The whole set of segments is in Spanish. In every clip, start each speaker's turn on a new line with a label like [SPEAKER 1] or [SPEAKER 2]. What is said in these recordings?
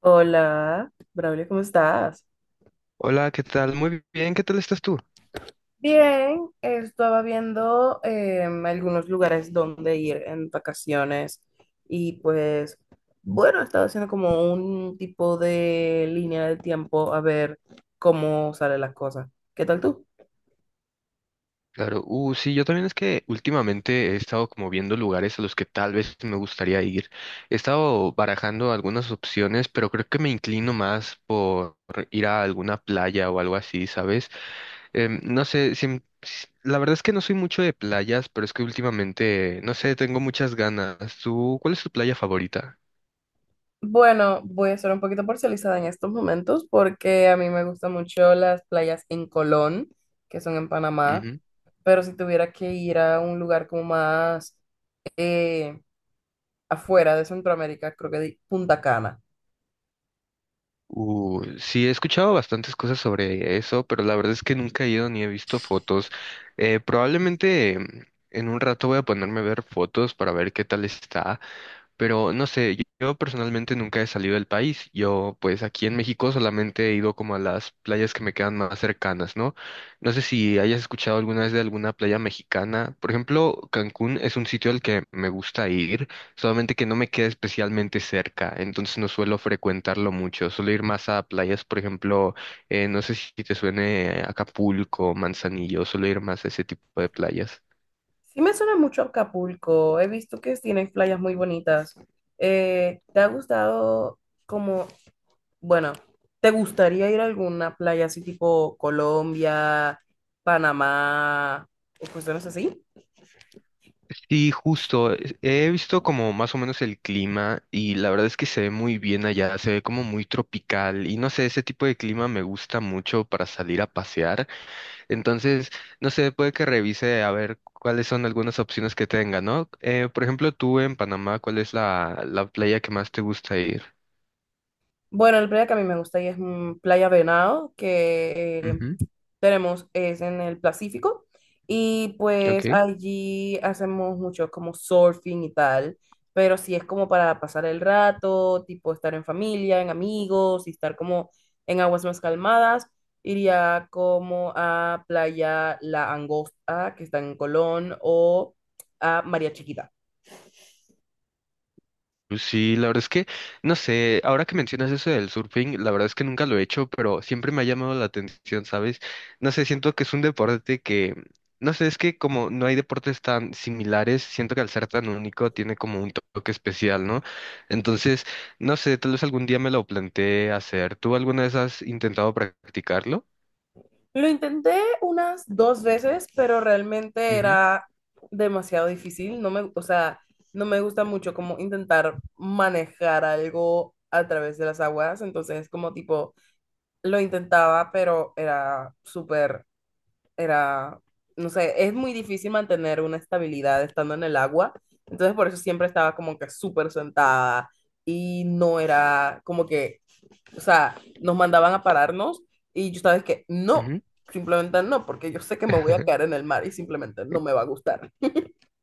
[SPEAKER 1] Hola, Braulio, ¿cómo estás?
[SPEAKER 2] Hola, ¿qué tal? Muy bien, ¿qué tal estás tú?
[SPEAKER 1] Bien, estaba viendo algunos lugares donde ir en vacaciones y pues bueno, estaba haciendo como un tipo de línea de tiempo a ver cómo salen las cosas. ¿Qué tal tú?
[SPEAKER 2] Claro, sí, yo también es que últimamente he estado como viendo lugares a los que tal vez me gustaría ir. He estado barajando algunas opciones, pero creo que me inclino más por ir a alguna playa o algo así, ¿sabes? No sé, la verdad es que no soy mucho de playas, pero es que últimamente, no sé, tengo muchas ganas. ¿Tú, cuál es tu playa favorita?
[SPEAKER 1] Bueno, voy a ser un poquito parcializada en estos momentos porque a mí me gustan mucho las playas en Colón, que son en Panamá, pero si tuviera que ir a un lugar como más, eh, afuera de Centroamérica, creo que di Punta Cana.
[SPEAKER 2] Sí, he escuchado bastantes cosas sobre eso, pero la verdad es que nunca he ido ni he visto fotos. Probablemente en un rato voy a ponerme a ver fotos para ver qué tal está. Pero no sé, yo personalmente nunca he salido del país. Yo, pues aquí en México solamente he ido como a las playas que me quedan más cercanas, ¿no? No sé si hayas escuchado alguna vez de alguna playa mexicana. Por ejemplo, Cancún es un sitio al que me gusta ir, solamente que no me queda especialmente cerca, entonces no suelo frecuentarlo mucho. Suelo ir más a playas, por ejemplo, no sé si te suene Acapulco, Manzanillo, suelo ir más a ese tipo de playas.
[SPEAKER 1] Sí me suena mucho Acapulco, he visto que tienen playas muy bonitas. ¿Te ha gustado como, bueno, te gustaría ir a alguna playa así tipo Colombia, Panamá o cuestiones así?
[SPEAKER 2] Sí, justo. He visto como más o menos el clima y la verdad es que se ve muy bien allá, se ve como muy tropical y no sé, ese tipo de clima me gusta mucho para salir a pasear. Entonces, no sé, puede que revise a ver cuáles son algunas opciones que tenga, ¿no? Por ejemplo, tú en Panamá, ¿cuál es la playa que más te gusta ir?
[SPEAKER 1] Bueno, la playa que a mí me gusta ahí es mm, Playa Venado, que
[SPEAKER 2] Ujú.
[SPEAKER 1] tenemos es en el Pacífico y pues
[SPEAKER 2] Ok.
[SPEAKER 1] allí hacemos mucho como surfing y tal, pero sí es como para pasar el rato, tipo estar en familia, en amigos y estar como en aguas más calmadas. Iría como a Playa La Angosta, que está en Colón, o a María Chiquita.
[SPEAKER 2] Pues sí, la verdad es que, no sé, ahora que mencionas eso del surfing, la verdad es que nunca lo he hecho, pero siempre me ha llamado la atención, ¿sabes? No sé, siento que es un deporte que, no sé, es que como no hay deportes tan similares, siento que al ser tan único tiene como un toque especial, ¿no? Entonces, no sé, tal vez algún día me lo planteé hacer. ¿Tú alguna vez has intentado practicarlo?
[SPEAKER 1] Lo intenté unas dos veces, pero realmente
[SPEAKER 2] Ujú.
[SPEAKER 1] era demasiado difícil. No me, o sea, no me gusta mucho como intentar manejar algo a través de las aguas. Entonces, como tipo, lo intentaba, pero era súper, era, no sé, es muy difícil mantener una estabilidad estando en el agua. Entonces, por eso siempre estaba como que súper sentada y no era como que, o sea, nos mandaban a pararnos y yo sabes que no,
[SPEAKER 2] Ujú.
[SPEAKER 1] simplemente no, porque yo sé que me voy a caer en el mar y simplemente no me va a gustar.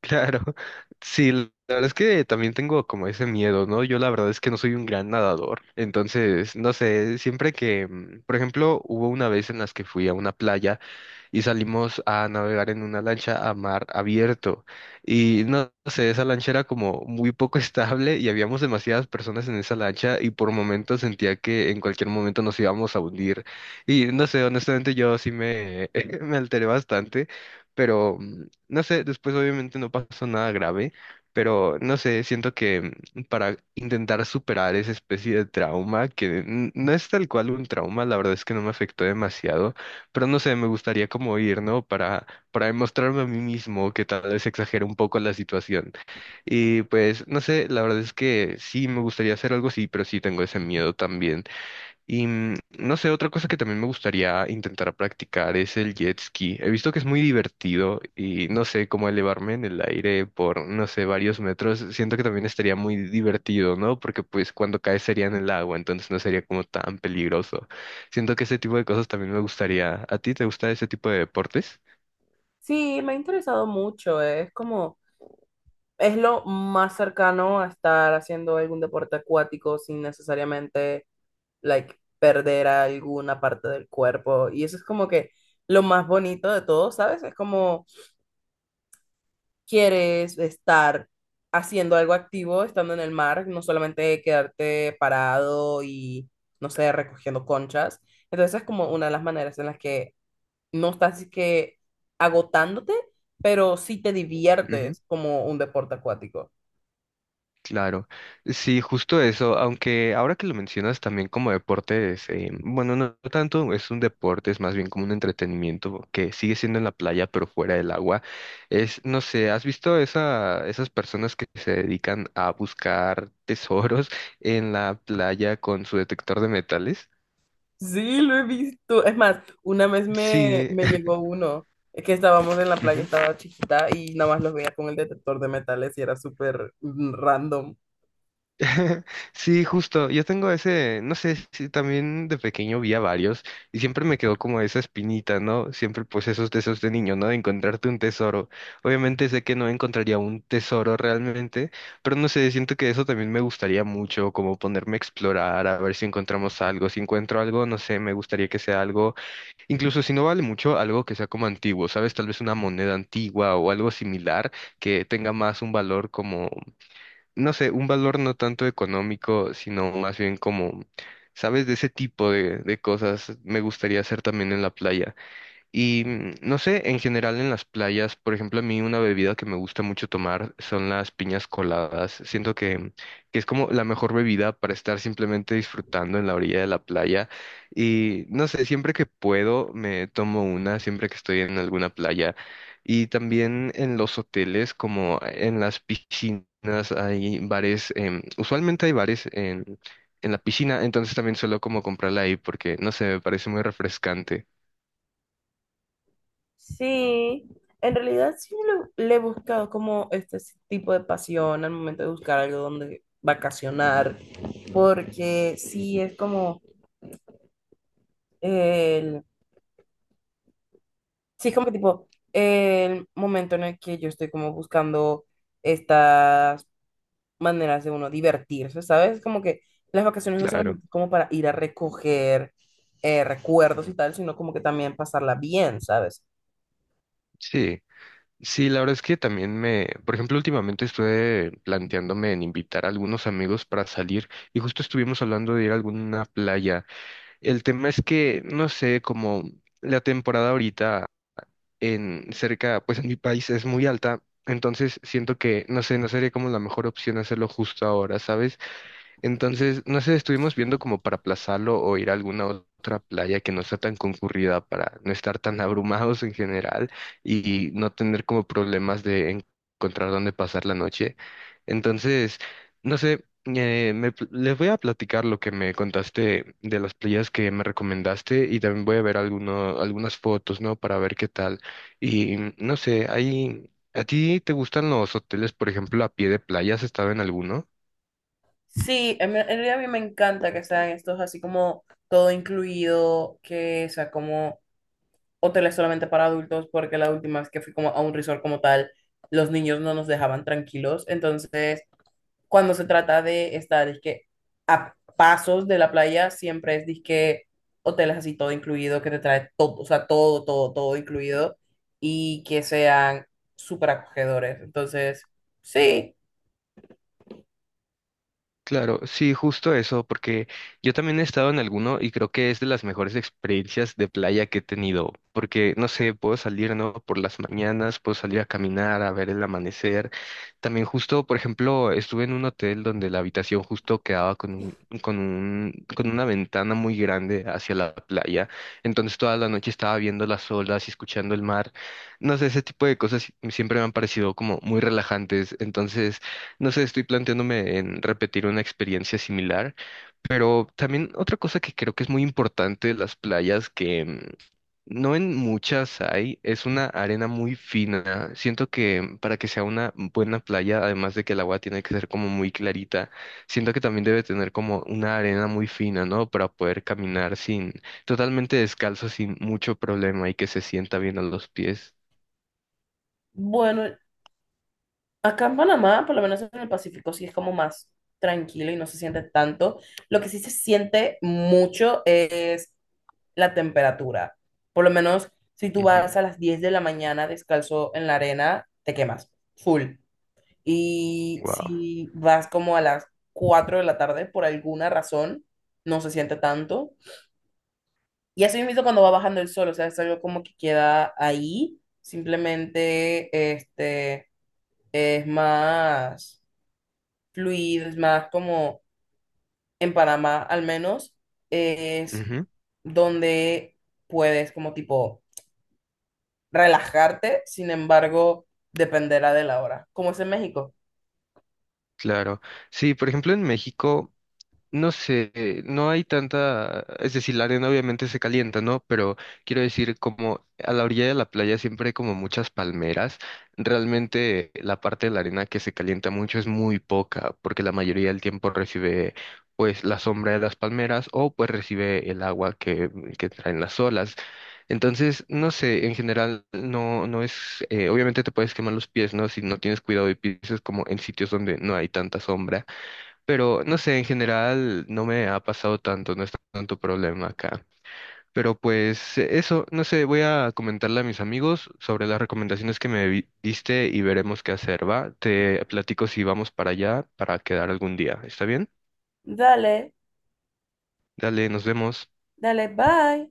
[SPEAKER 2] Claro, sí, la verdad es que también tengo como ese miedo, ¿no? Yo la verdad es que no soy un gran nadador, entonces, no sé, siempre que, por ejemplo, hubo una vez en las que fui a una playa y salimos a navegar en una lancha a mar abierto. Y no sé, esa lancha era como muy poco estable y habíamos demasiadas personas en esa lancha y por momentos sentía que en cualquier momento nos íbamos a hundir. Y no sé, honestamente yo sí me, me alteré bastante, pero no sé, después obviamente no pasó nada grave. Pero no sé, siento que para intentar superar esa especie de trauma, que no es tal cual un trauma, la verdad es que no me afectó demasiado, pero no sé, me gustaría como ir, ¿no? Para demostrarme a mí mismo que tal vez exagero un poco la situación. Y pues, no sé, la verdad es que sí, me gustaría hacer algo así, pero sí tengo ese miedo también. Y no sé, otra cosa que también me gustaría intentar practicar es el jet ski. He visto que es muy divertido y no sé, cómo elevarme en el aire por, no sé, varios metros. Siento que también estaría muy divertido, ¿no? Porque pues cuando caes sería en el agua, entonces no sería como tan peligroso. Siento que ese tipo de cosas también me gustaría. ¿A ti te gusta ese tipo de deportes?
[SPEAKER 1] Sí, me ha interesado mucho, es como, es lo más cercano a estar haciendo algún deporte acuático sin necesariamente, like, perder alguna parte del cuerpo. Y eso es como que lo más bonito de todo, ¿sabes? Es como quieres estar haciendo algo activo estando en el mar, no solamente quedarte parado y, no sé, recogiendo conchas. Entonces es como una de las maneras en las que no estás así que agotándote, pero sí te diviertes como un deporte acuático.
[SPEAKER 2] Claro, sí, justo eso, aunque ahora que lo mencionas también como deportes, bueno, no tanto es un deporte, es más bien como un entretenimiento que sigue siendo en la playa pero fuera del agua, es, no sé, ¿has visto esas personas que se dedican a buscar tesoros en la playa con su detector de metales?
[SPEAKER 1] Sí, lo he visto. Es más, una vez me,
[SPEAKER 2] Sí.
[SPEAKER 1] me llegó uno, es que estábamos en la playa, estaba chiquita y nada más los veía con el detector de metales y era súper mm, random.
[SPEAKER 2] Sí, justo. Yo tengo ese, no sé, si también de pequeño vi a varios y siempre me quedó como esa espinita, ¿no? Siempre pues esos deseos de niño, ¿no? De encontrarte un tesoro. Obviamente sé que no encontraría un tesoro realmente, pero no sé, siento que eso también me gustaría mucho, como ponerme a explorar, a ver si encontramos algo. Si encuentro algo, no sé, me gustaría que sea algo, incluso si no vale mucho, algo que sea como antiguo, ¿sabes? Tal vez una moneda antigua o algo similar que tenga más un valor como no sé, un valor no tanto económico, sino más bien como, ¿sabes? De ese tipo de cosas me gustaría hacer también en la playa. Y no sé, en general en las playas, por ejemplo, a mí una bebida que me gusta mucho tomar son las piñas coladas. Siento que es como la mejor bebida para estar simplemente disfrutando en la orilla de la playa. Y no sé, siempre que puedo me tomo una, siempre que estoy en alguna playa. Y también en los hoteles, como en las piscinas, hay bares, usualmente hay bares en la piscina, entonces también suelo como comprarla ahí porque, no sé, me parece muy refrescante.
[SPEAKER 1] Sí, en realidad sí le he buscado como este tipo de pasión al momento de buscar algo donde vacacionar, porque sí es como el, sí es como tipo el momento en el que yo estoy como buscando estas maneras de uno divertirse, ¿sabes? Como que las vacaciones no
[SPEAKER 2] Claro.
[SPEAKER 1] solamente es como para ir a recoger recuerdos y tal, sino como que también pasarla bien, ¿sabes?
[SPEAKER 2] Sí, sí, la verdad es que también me, por ejemplo, últimamente estuve planteándome en invitar a algunos amigos para salir y justo estuvimos hablando de ir a alguna playa. El tema es que, no sé, como la temporada ahorita en cerca, pues en mi país es muy alta, entonces siento que, no sé, no sería como la mejor opción hacerlo justo ahora, ¿sabes? Entonces, no sé, estuvimos viendo como para aplazarlo o ir a alguna otra playa que no sea tan concurrida para no estar tan abrumados en general y no tener como problemas de encontrar dónde pasar la noche. Entonces, no sé, les voy a platicar lo que me contaste de las playas que me recomendaste y también voy a ver algunas fotos, ¿no? Para ver qué tal. Y no sé, ahí, ¿a ti te gustan los hoteles, por ejemplo, a pie de playa? ¿Has estado en alguno?
[SPEAKER 1] Sí, en realidad a mí me encanta que sean estos así como todo incluido, que sea como hoteles solamente para adultos, porque la última vez que fui como a un resort como tal, los niños no nos dejaban tranquilos. Entonces, cuando se trata de estar, es que a pasos de la playa, siempre es disque hoteles así todo incluido, que te trae todo, o sea, todo, todo, todo incluido, y que sean súper acogedores. Entonces, sí,
[SPEAKER 2] Claro, sí, justo eso, porque yo también he estado en alguno y creo que es de las mejores experiencias de playa que he tenido, porque no sé, puedo salir, ¿no? Por las mañanas, puedo salir a caminar, a ver el amanecer. También justo, por ejemplo, estuve en un hotel donde la habitación justo quedaba con con una ventana muy grande hacia la playa. Entonces toda la noche estaba viendo las olas y escuchando el mar. No sé, ese tipo de cosas siempre me han parecido como muy relajantes. Entonces, no sé, estoy planteándome en repetir una experiencia similar, pero también otra cosa que creo que es muy importante de las playas, que no en muchas hay, es una arena muy fina. Siento que para que sea una buena playa, además de que el agua tiene que ser como muy clarita, siento que también debe tener como una arena muy fina, ¿no? Para poder caminar sin, totalmente descalzo, sin mucho problema y que se sienta bien a los pies.
[SPEAKER 1] bueno. Acá en Panamá, por lo menos en el Pacífico, sí es como más tranquilo y no se siente tanto. Lo que sí se siente mucho es la temperatura. Por lo menos si tú vas a las 10 de la mañana descalzo en la arena, te quemas, full. Y
[SPEAKER 2] Wow.
[SPEAKER 1] si vas como a las 4 de la tarde, por alguna razón, no se siente tanto. Y así mismo cuando va bajando el sol, o sea, es algo como que queda ahí, simplemente este, es más fluidos, más como en Panamá al menos, es donde puedes como tipo relajarte, sin embargo, dependerá de la hora. ¿Cómo es en México?
[SPEAKER 2] Claro. Sí, por ejemplo, en México. No sé, no hay tanta, es decir, la arena obviamente se calienta, ¿no? Pero quiero decir, como a la orilla de la playa siempre hay como muchas palmeras, realmente la parte de la arena que se calienta mucho es muy poca, porque la mayoría del tiempo recibe pues la sombra de las palmeras o pues recibe el agua que traen las olas. Entonces, no sé, en general no es, obviamente te puedes quemar los pies, ¿no? Si no tienes cuidado y pisas como en sitios donde no hay tanta sombra pero no sé, en general no me ha pasado tanto, no es tanto problema acá. Pero pues eso, no sé, voy a comentarle a mis amigos sobre las recomendaciones que diste y veremos qué hacer, ¿va? Te platico si vamos para allá para quedar algún día, ¿está bien?
[SPEAKER 1] Dale,
[SPEAKER 2] Dale, nos vemos.
[SPEAKER 1] dale, bye.